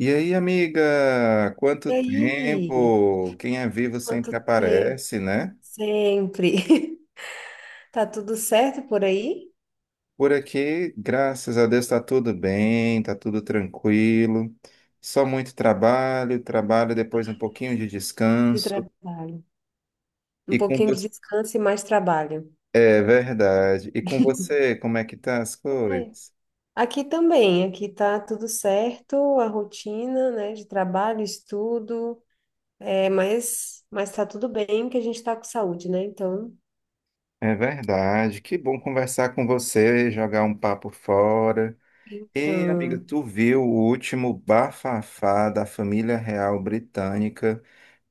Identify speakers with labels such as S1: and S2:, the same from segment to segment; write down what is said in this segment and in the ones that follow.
S1: E aí, amiga, quanto
S2: E aí?
S1: tempo? Quem é vivo sempre
S2: Quanto tempo?
S1: aparece, né?
S2: Sempre. Tá tudo certo por aí?
S1: Por aqui, graças a Deus, tá tudo bem, tá tudo tranquilo. Só muito trabalho, trabalho, depois um pouquinho de
S2: De
S1: descanso.
S2: trabalho. Um
S1: E com
S2: pouquinho de
S1: você,
S2: descanso e mais trabalho.
S1: é verdade. E com você, como é que tá as
S2: Ai.
S1: coisas?
S2: Aqui também, aqui tá tudo certo, a rotina, né, de trabalho, estudo, é, mas tá tudo bem que a gente tá com saúde, né? Então,
S1: É verdade. Que bom conversar com você, jogar um papo fora. Ei, amiga,
S2: então,
S1: tu viu o último bafafá da família real britânica?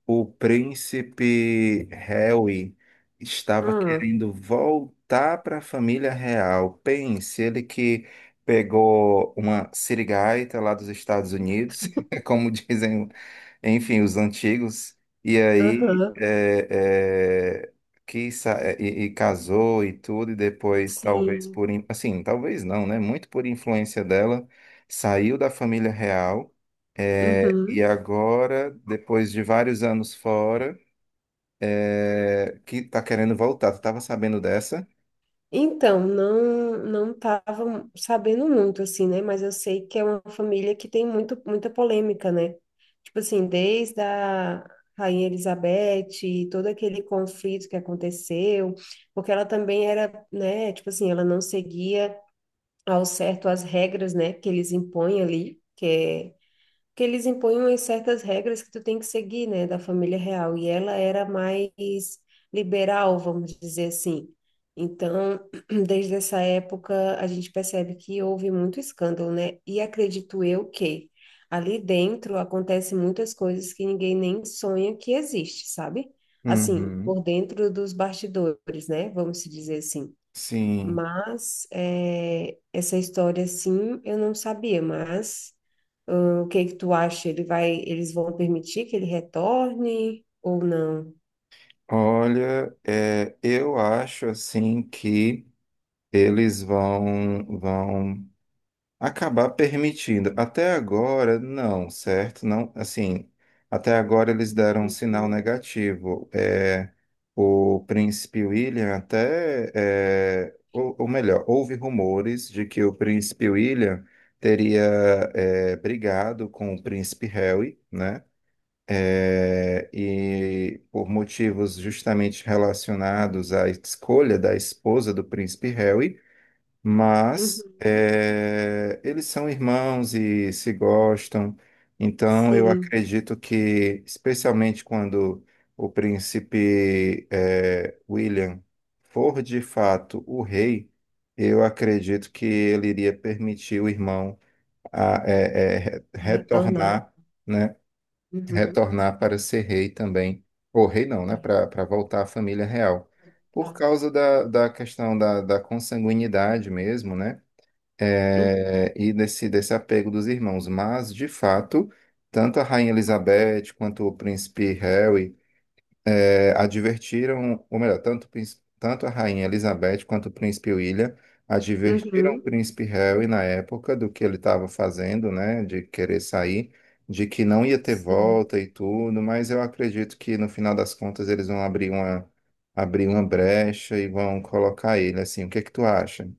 S1: O príncipe Harry estava
S2: ah,
S1: querendo voltar para a família real. Pense, ele que pegou uma sirigaita lá dos Estados Unidos, como dizem enfim, os antigos, e aí
S2: aham,
S1: e, casou e tudo, e depois, talvez
S2: sim,
S1: assim, talvez não, né? Muito por influência dela, saiu da família real, e
S2: uhum.
S1: agora, depois de vários anos fora, que tá querendo voltar. Tu tava sabendo dessa?
S2: Então, não estava sabendo muito assim, né? Mas eu sei que é uma família que tem muito, muita polêmica, né? Tipo assim, desde a Rainha Elizabeth, e todo aquele conflito que aconteceu, porque ela também era, né? Tipo assim, ela não seguia ao certo as regras, né? Que eles impõem ali, que é que eles impõem umas certas regras que tu tem que seguir, né, da família real. E ela era mais liberal, vamos dizer assim. Então, desde essa época, a gente percebe que houve muito escândalo, né? E acredito eu que ali dentro acontecem muitas coisas que ninguém nem sonha que existe, sabe? Assim,
S1: Uhum.
S2: por dentro dos bastidores, né? Vamos se dizer assim.
S1: Sim.
S2: Mas essa história, sim, eu não sabia, mas hum, o que é que tu acha? Ele vai, eles vão permitir que ele retorne ou não?
S1: Olha, eu acho assim que eles vão acabar permitindo. Até agora, não, certo? Não, assim, até agora eles deram um sinal
S2: Uhum.
S1: negativo. É, o príncipe William até, ou melhor, houve rumores de que o príncipe William teria, brigado com o príncipe Harry, né? É, e por motivos justamente relacionados à escolha da esposa do príncipe Harry, mas
S2: Uhum.
S1: eles são irmãos e se gostam, então eu
S2: Sim,
S1: acredito que, especialmente quando o príncipe William for de fato o rei, eu acredito que ele iria permitir o irmão a, eh, eh, re-
S2: vai retornar.
S1: retornar, né,
S2: Uhum.
S1: retornar para ser rei também, ou rei não, né,
S2: É,
S1: para voltar à família real. Por
S2: tá.
S1: causa da, da questão da, da consanguinidade mesmo, né?
S2: Hum,
S1: é, e desse, desse apego dos irmãos. Mas, de fato, tanto a Rainha Elizabeth quanto o príncipe Harry advertiram, ou melhor, tanto a Rainha Elizabeth quanto o príncipe William advertiram o
S2: uhum.
S1: príncipe Harry na época do que ele estava fazendo, né, de querer sair, de que não ia ter
S2: Sim.
S1: volta e tudo, mas eu acredito que no final das contas eles vão abrir uma brecha e vão colocar ele assim. O que é que tu acha?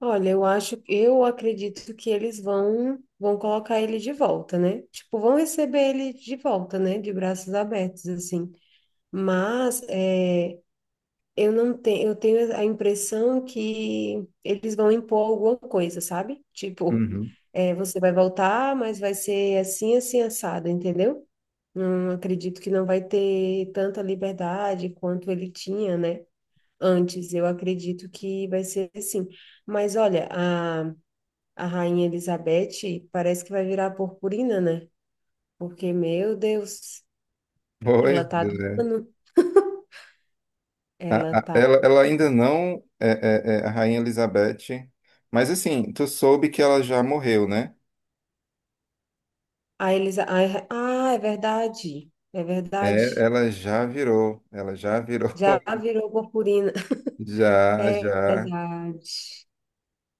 S2: Olha, eu acho, eu acredito que eles vão, vão colocar ele de volta, né? Tipo, vão receber ele de volta, né? De braços abertos, assim. Mas é, eu não tenho, eu tenho a impressão que eles vão impor alguma coisa, sabe? Tipo,
S1: Uhum.
S2: é, você vai voltar, mas vai ser assim, assim, assado, entendeu? Não acredito que não vai ter tanta liberdade quanto ele tinha, né? Antes, eu acredito que vai ser assim. Mas olha, a Rainha Elizabeth parece que vai virar purpurina, né? Porque, meu Deus, ela
S1: Pois
S2: tá. do
S1: é.
S2: ela tá.
S1: Ela ainda não é, é a Rainha Elizabeth, mas assim, tu soube que ela já morreu, né?
S2: A Elisa. Ai, ah, é verdade. É
S1: É,
S2: verdade.
S1: ela já virou,
S2: Já virou purpurina.
S1: já,
S2: É
S1: já.
S2: verdade.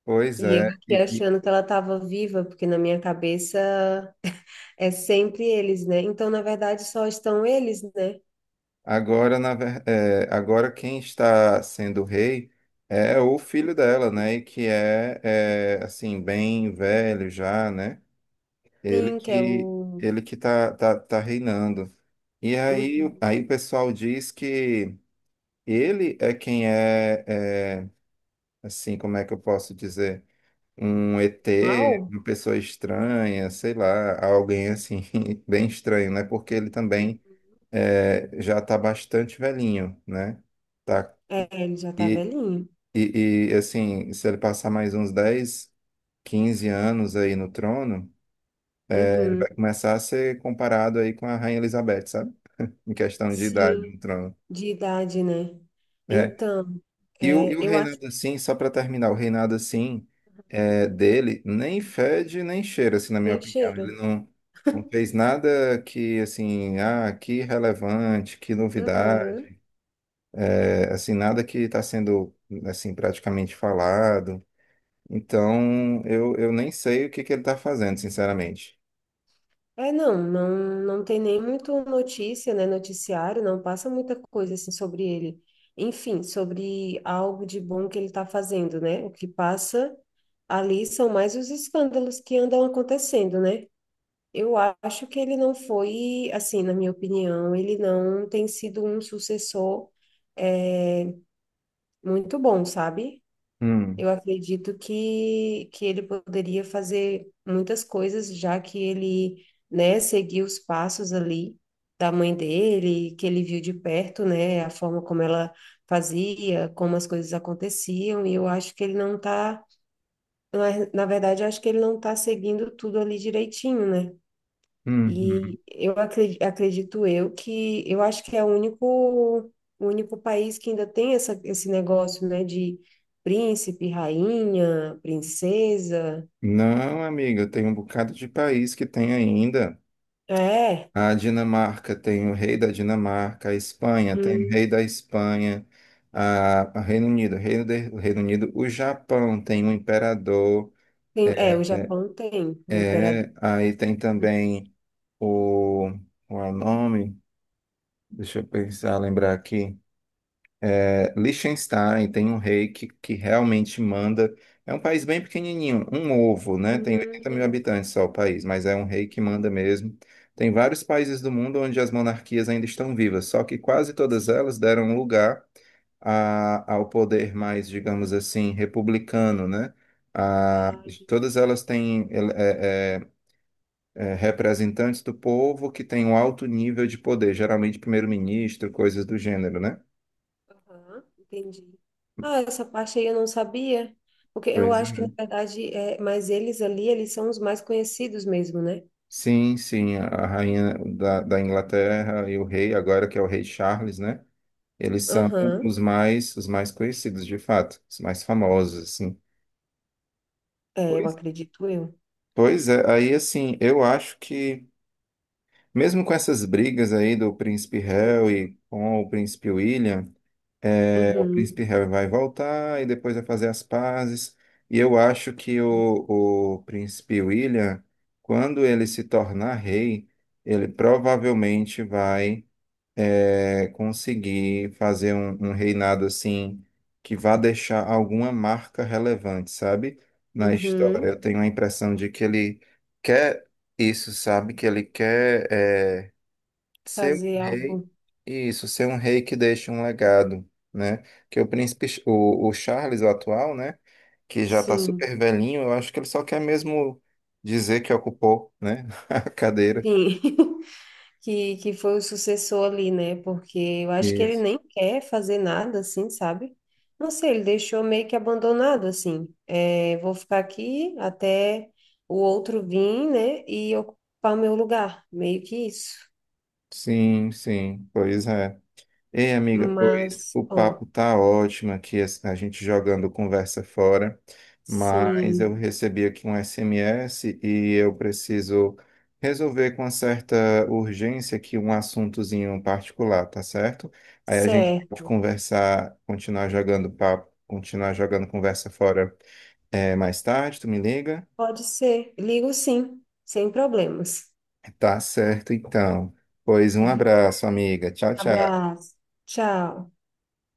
S1: Pois
S2: E eu
S1: é.
S2: aqui
S1: E
S2: achando que ela estava viva, porque na minha cabeça é sempre eles, né? Então, na verdade, só estão eles, né?
S1: agora, agora quem está sendo rei é o filho dela, né? E que é, é assim, bem velho já, né? Ele
S2: Sim, que é
S1: que
S2: o,
S1: ele que tá, tá reinando. E aí,
S2: uhum,
S1: aí o pessoal diz que ele é quem assim, como é que eu posso dizer? Um
S2: o
S1: ET,
S2: mal.
S1: uma pessoa estranha, sei lá, alguém assim, bem estranho, né? Porque ele também já está bastante velhinho, né? Tá?
S2: É, ele já tá
S1: E,
S2: velhinho.
S1: assim, se ele passar mais uns 10, 15 anos aí no trono, ele
S2: Uhum.
S1: vai começar a ser comparado aí com a Rainha Elizabeth, sabe? Em questão de idade
S2: Sim,
S1: no trono.
S2: de idade, né?
S1: É.
S2: Então,
S1: E
S2: é,
S1: o
S2: eu acho
S1: reinado
S2: que
S1: assim, só para terminar, o reinado assim dele nem fede nem cheira, assim, na minha
S2: nem
S1: opinião. Ele
S2: cheira.
S1: não, não fez nada que, assim, ah, que relevante, que
S2: Uhum.
S1: novidade, assim, nada que está sendo, assim, praticamente falado. Então, eu nem sei o que que ele está fazendo, sinceramente.
S2: É, não, não tem nem muito notícia, né, noticiário, não passa muita coisa, assim, sobre ele. Enfim, sobre algo de bom que ele está fazendo, né? O que passa ali são mais os escândalos que andam acontecendo, né? Eu acho que ele não foi, assim, na minha opinião, ele não tem sido um sucessor, é, muito bom, sabe?
S1: Hum,
S2: Eu acredito que ele poderia fazer muitas coisas, já que ele, né, seguiu os passos ali da mãe dele, que ele viu de perto, né, a forma como ela fazia, como as coisas aconteciam, e eu acho que ele não tá, na na verdade, eu acho que ele não tá seguindo tudo ali direitinho, né?
S1: uhum.
S2: E eu acredito, eu que eu acho que é o único país que ainda tem essa, esse negócio, né, de príncipe, rainha, princesa.
S1: Não, amiga, tem um bocado de país que tem ainda.
S2: É,
S1: A Dinamarca tem o rei da Dinamarca, a Espanha tem o
S2: hum,
S1: rei da Espanha, a Reino Unido, o Reino Unido, o Japão tem um imperador,
S2: é, o
S1: é,
S2: Japão tem o imperador.
S1: aí tem também o, qual é o nome? Deixa eu pensar, lembrar aqui. É, Liechtenstein tem um rei que realmente manda. É um país bem pequenininho, um ovo, né? Tem 80 mil
S2: Hum,
S1: habitantes só o país, mas é um rei que manda mesmo. Tem vários países do mundo onde as monarquias ainda estão vivas, só que quase todas elas deram lugar ao poder mais, digamos assim, republicano, né? A-
S2: ah,
S1: todas
S2: entendi.
S1: elas têm ele- é- é- é, Representantes do povo que têm um alto nível de poder, geralmente primeiro-ministro, coisas do gênero, né?
S2: Aham, entendi. Ah, essa parte aí eu não sabia, porque eu
S1: Pois
S2: acho que na
S1: é.
S2: verdade é, mas eles ali, eles são os mais conhecidos mesmo, né?
S1: Sim, sim, a rainha da, da Inglaterra e o rei, agora que é o rei Charles, né? Eles são
S2: Aham,
S1: os mais conhecidos, de fato, os mais famosos, assim.
S2: é, eu
S1: Pois,
S2: acredito eu.
S1: pois é, aí assim, eu acho que mesmo com essas brigas aí do príncipe Harry e com o príncipe William, é, o
S2: Uhum,
S1: príncipe Harry vai voltar e depois vai fazer as pazes. E eu acho que o príncipe William, quando ele se tornar rei, ele provavelmente vai conseguir fazer um reinado assim que vá deixar alguma marca relevante, sabe? Na história.
S2: uhum.
S1: Eu tenho a impressão de que ele quer isso, sabe? Que ele quer ser um
S2: Fazer
S1: rei,
S2: algo,
S1: isso, ser um rei que deixa um legado, né? Que o o Charles, o atual, né? Que já tá
S2: sim,
S1: super velhinho, eu acho que ele só quer mesmo dizer que ocupou, né? A cadeira.
S2: sim, que foi o sucessor ali, né? Porque eu acho que ele
S1: Isso.
S2: nem quer fazer nada, assim, sabe? Não sei, ele deixou meio que abandonado, assim. É, vou ficar aqui até o outro vir, né? E ocupar meu lugar, meio que isso.
S1: Sim, sim, pois é. Ei, amiga, pois
S2: Mas,
S1: o
S2: bom,
S1: papo tá ótimo aqui, a gente jogando conversa fora, mas eu
S2: sim,
S1: recebi aqui um SMS e eu preciso resolver com uma certa urgência aqui um assuntozinho particular, tá certo? Aí a gente pode
S2: certo,
S1: conversar, continuar jogando papo, continuar jogando conversa fora, mais tarde, tu me liga?
S2: pode ser. Ligo sim, sem problemas.
S1: Tá certo, então. Pois um abraço, amiga. Tchau, tchau.
S2: Abraço, tchau.